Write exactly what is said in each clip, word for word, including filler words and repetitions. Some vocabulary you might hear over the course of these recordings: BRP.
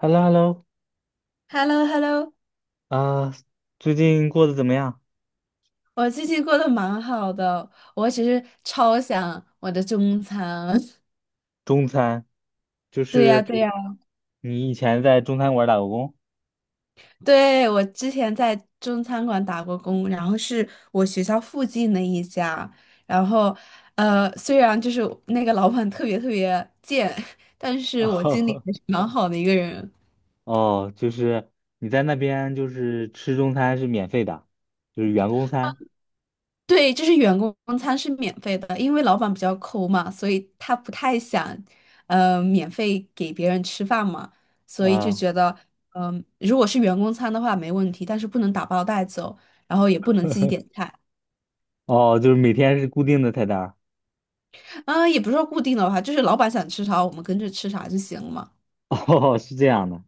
h e l l o h e l l o h e l l o h e l l o 啊，最近过得怎么样？我最近过得蛮好的，我只是超想我的中餐。中餐，就对呀，是对呀，你以前在中餐馆打过工？对，我之前在中餐馆打过工，然后是我学校附近的一家，然后呃，虽然就是那个老板特别特别贱，但 是我经理哦，还是蛮好的一个人。哦，就是你在那边就是吃中餐是免费的，就是员工餐对，就是员工餐是免费的，因为老板比较抠嘛，所以他不太想，呃，免费给别人吃饭嘛，所以就啊，觉得，嗯、如果是员工餐的话没问题，但是不能打包带走，然后也不能自己点菜，哦，哦就是每天是固定的菜单儿 啊、也不是说固定的话，就是老板想吃啥，我们跟着吃啥就行了嘛。哦，是这样的，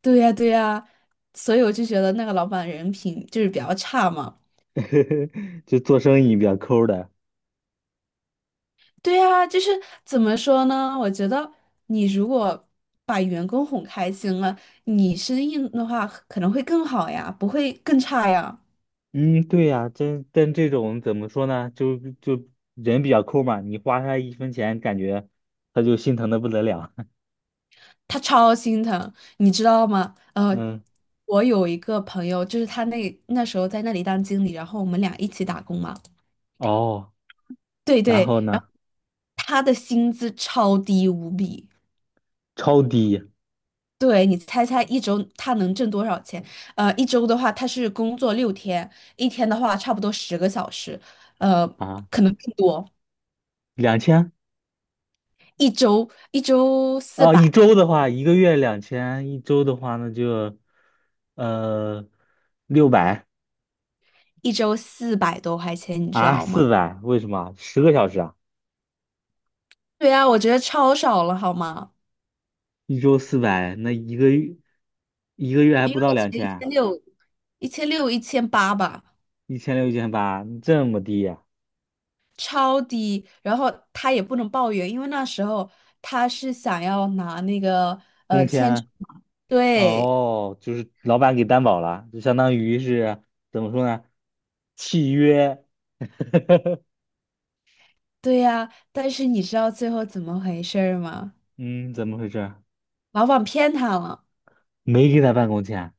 对呀，对呀，所以我就觉得那个老板人品就是比较差嘛，就做生意比较抠的。对啊，就是怎么说呢？我觉得你如果把员工哄开心了，你生意的话可能会更好呀，不会更差呀。嗯，对呀，真但这种怎么说呢？就就人比较抠嘛，你花他一分钱，感觉他就心疼的不得了。他超心疼，你知道吗？呃，嗯。我有一个朋友，就是他那那时候在那里当经理，然后我们俩一起打工嘛。哦，对然对，后然后呢？他的薪资超低无比。超低对，你猜猜一周他能挣多少钱？呃，一周的话，他是工作六天，一天的话差不多十个小时，呃，啊，可能更多。两千一周一周四啊，一百，周的话，一个月两千，一周的话那就呃六百一周四百多块钱，你知啊，道吗？四百，为什么？十个小时啊，对呀，我觉得超少了，好吗？一周四百，那一个月一个月还一个不到两月一千，千六，一千六一千八吧，一千六一千八，这么低呀、超低。然后他也不能抱怨，因为那时候他是想要拿那个工呃签证，签对。哦，就是老板给担保了，就相当于是怎么说呢？契约，对呀，但是你知道最后怎么回事儿吗？嗯，怎么回事？老板骗他了，没给他办工签。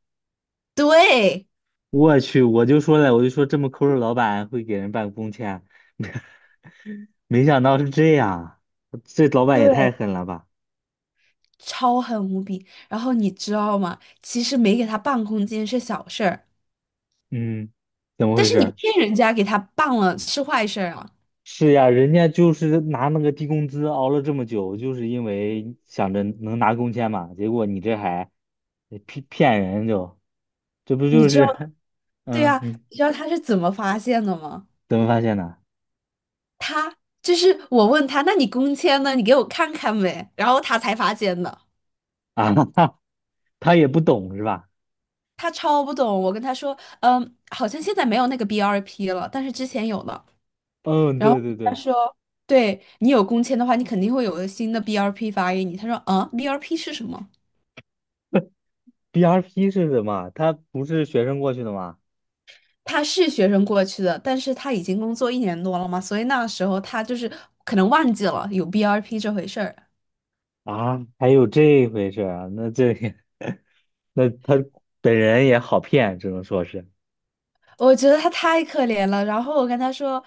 对我去，我就说了，我就说这么抠的老板会给人办工签啊，没想到是这样，这老板也太对，狠了吧？超狠无比。然后你知道吗？其实没给他办空间是小事儿，嗯，怎么但回是你事？骗人家给他办了是坏事儿啊。是呀，人家就是拿那个低工资熬了这么久，就是因为想着能拿工签嘛，结果你这还骗骗人就，这不你就知道，是，对嗯，呀，你你知道他是怎么发现的吗？怎么发现的？他就是我问他，那你工签呢？你给我看看呗。然后他才发现的，啊，哈，他也不懂是吧？他超不懂。我跟他说，嗯，好像现在没有那个 B R P 了，但是之前有的。嗯，然对后对他对说，对你有工签的话，你肯定会有个新的 B R P 发给你。他说，啊，B R P 是什么？，B R P 是什么？他不是学生过去的吗？他是学生过去的，但是他已经工作一年多了嘛，所以那时候他就是可能忘记了有 B R P 这回事儿。啊，还有这回事儿啊？那这 那他本人也好骗，只能说是。我觉得他太可怜了。然后我跟他说，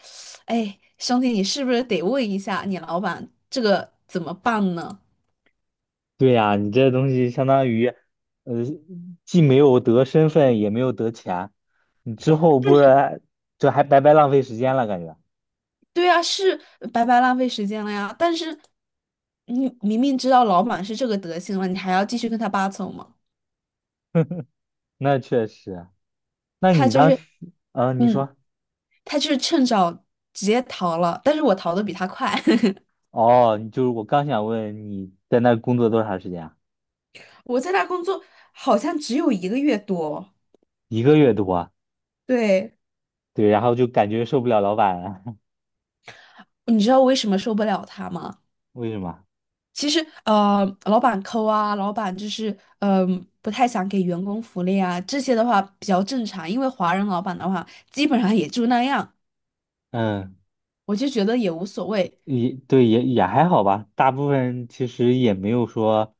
哎，兄弟，你是不是得问一下你老板这个怎么办呢？对呀，你这东西相当于，呃，既没有得身份，也没有得钱，你之后不是这还白白浪费时间了，感觉。对啊，是白白浪费时间了呀。但是你明明知道老板是这个德行了，你还要继续跟他八扯吗？那确实，那他你就当是，时，嗯、你嗯，说，他就是趁早直接逃了，但是我逃的比他快。哦，你就是我刚想问你在那儿工作多长时间啊？我在那工作好像只有一个月多，一个月多啊，对，对，然后就感觉受不了老板了，你知道为什么受不了他吗？为什么？其实，呃，老板抠啊，老板就是，嗯、不太想给员工福利啊，这些的话比较正常，因为华人老板的话，基本上也就那样，嗯。我就觉得也无所谓。也对，也也还好吧，大部分其实也没有说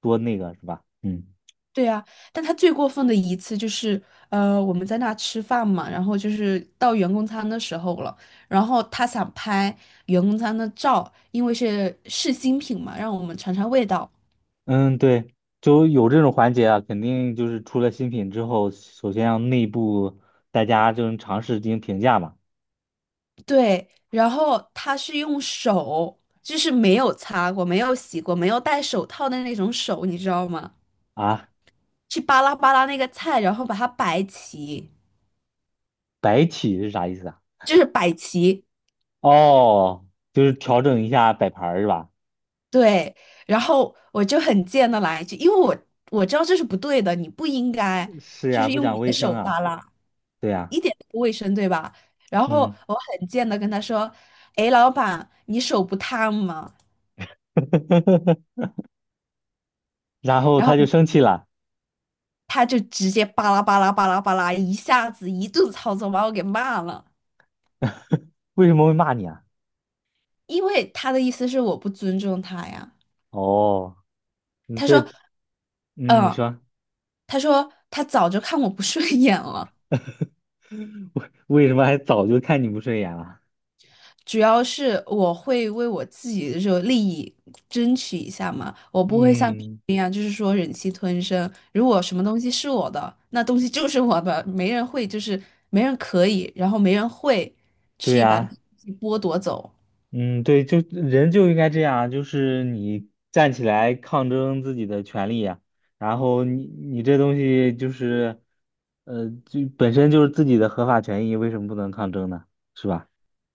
多那个，是吧？嗯对啊，但他最过分的一次就是，呃，我们在那吃饭嘛，然后就是到员工餐的时候了，然后他想拍员工餐的照，因为是试新品嘛，让我们尝尝味道。嗯，对，就有这种环节啊，肯定就是出了新品之后，首先让内部大家就是尝试进行评价嘛。对，然后他是用手，就是没有擦过、没有洗过、没有戴手套的那种手，你知道吗？啊，去扒拉扒拉那个菜，然后把它摆齐，摆起是啥意思啊？就是摆齐，哦，就是调整一下摆盘儿是吧？对，然后我就很贱的来一句，因为我我知道这是不对的，你不应该是就呀，是不用你讲的卫生手啊，扒拉，对呀，一点都不卫生，对吧？然后嗯，我很贱的跟他说：“哎，老板，你手不烫吗？” 然后然后他就生气了，他就直接巴拉巴拉巴拉巴拉，一下子一顿操作把我给骂了，为什么会骂你啊？因为他的意思是我不尊重他呀。哦，你他这，说：嗯，你“嗯，说。他说他早就看我不顺眼了。” 为为什么还早就看你不顺眼了？主要是我会为我自己的这个利益争取一下嘛，我不会像别嗯，人一样，就是说忍气吞声。如果什么东西是我的，那东西就是我的，没人会，就是没人可以，然后没人会对去把那呀，东西剥夺走。嗯，对，就人就应该这样啊，就是你站起来抗争自己的权利呀，然后你你这东西就是，呃，就本身就是自己的合法权益，为什么不能抗争呢？是吧？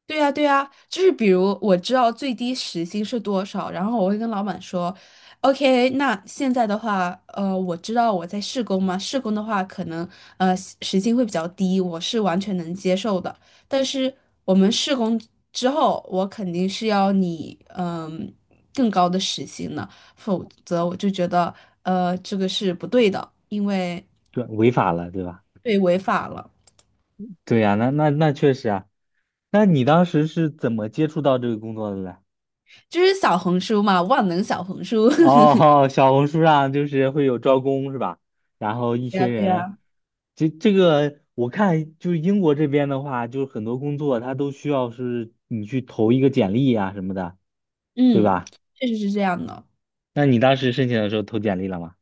对呀，对呀，就是比如我知道最低时薪是多少，然后我会跟老板说，OK，那现在的话，呃，我知道我在试工嘛，试工的话可能呃时薪会比较低，我是完全能接受的。但是我们试工之后，我肯定是要你嗯、更高的时薪的，否则我就觉得呃这个是不对的，因为对，违法了，对吧？对违法了，对呀，那那那确实啊，那你当时是怎么接触到这个工作的嘞？就是小红书嘛，万能小红书。哦，小红书上就是会有招工是吧？然后一对呀，群对人，呀。这这个我看就是英国这边的话，就是很多工作它都需要是你去投一个简历呀、什么的，对嗯，吧？确实是这样的。那你当时申请的时候投简历了吗？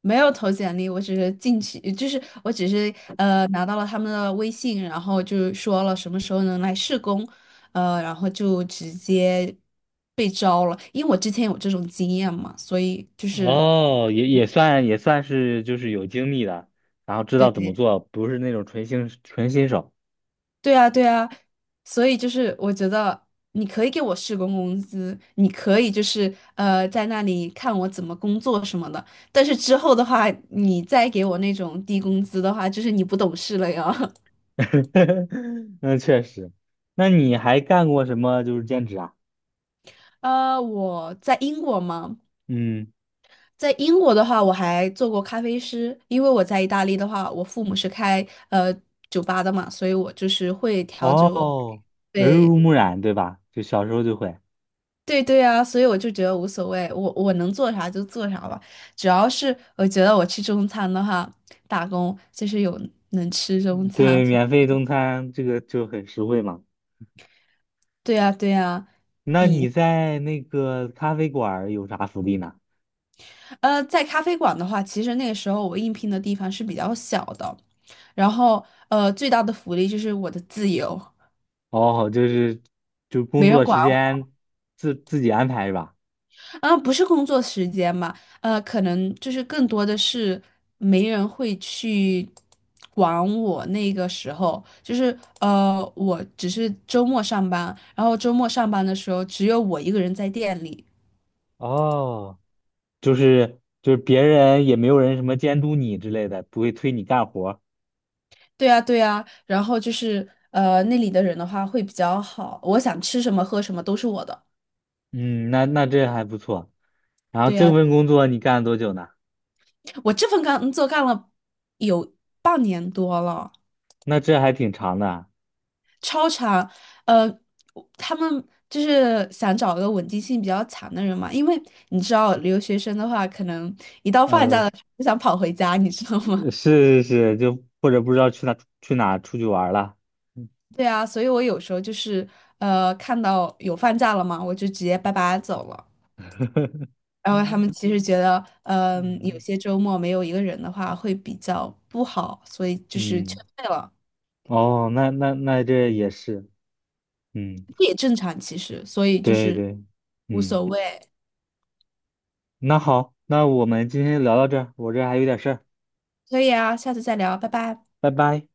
没有投简历，我只是进去，就是我只是呃拿到了他们的微信，然后就说了什么时候能来试工，呃，然后就直接被招了。因为我之前有这种经验嘛，所以就是哦，也也算也算是就是有经历的，然后知道怎么对做，不是那种纯新纯新手。对啊，对啊，所以就是我觉得你可以给我试工工资，你可以就是呃在那里看我怎么工作什么的，但是之后的话，你再给我那种低工资的话，就是你不懂事了呀。那确实，那你还干过什么就是兼职啊？呃，我在英国嘛，嗯。在英国的话，我还做过咖啡师，因为我在意大利的话，我父母是开呃酒吧的嘛，所以我就是会调酒。哦，耳对，濡目染，对吧？就小时候就会，对对啊，所以我就觉得无所谓，我我能做啥就做啥吧，主要是我觉得我吃中餐的话，打工就是有能吃中餐。对，免费中餐这个就很实惠嘛。对呀对呀，那你比在那个咖啡馆儿有啥福利呢？呃在咖啡馆的话，其实那个时候我应聘的地方是比较小的，然后呃最大的福利就是我的自由，哦，就是就工没人作管时间自自己安排是吧？啊，不是工作时间嘛，呃，可能就是更多的是没人会去管我那个时候，就是呃，我只是周末上班，然后周末上班的时候只有我一个人在店里。哦，就是就是别人也没有人什么监督你之类的，不会催你干活儿对呀，对呀，然后就是呃，那里的人的话会比较好，我想吃什么喝什么都是我的。嗯，那那这还不错。然后对这呀，份工作你干了多久呢？我这份工作干了有半年多了。那这还挺长的啊。超长，呃，他们就是想找个稳定性比较强的人嘛，因为你知道留学生的话，可能一到放假呃了就想跑回家，你知道吗？是是是，就或者不知道去哪去哪出去玩儿了。对啊，所以我有时候就是呃，看到有放假了嘛，我就直接拜拜走了。然后他们嗯其实觉得，嗯、有些周末没有一个人的话会比较不好，所以就是嗯，劝退了，哦，那那那这也是，嗯，这也正常其实，所以就对是对，无嗯，所谓。那好，那我们今天聊到这儿，我这儿还有点事儿，可以啊，下次再聊，拜拜。拜拜。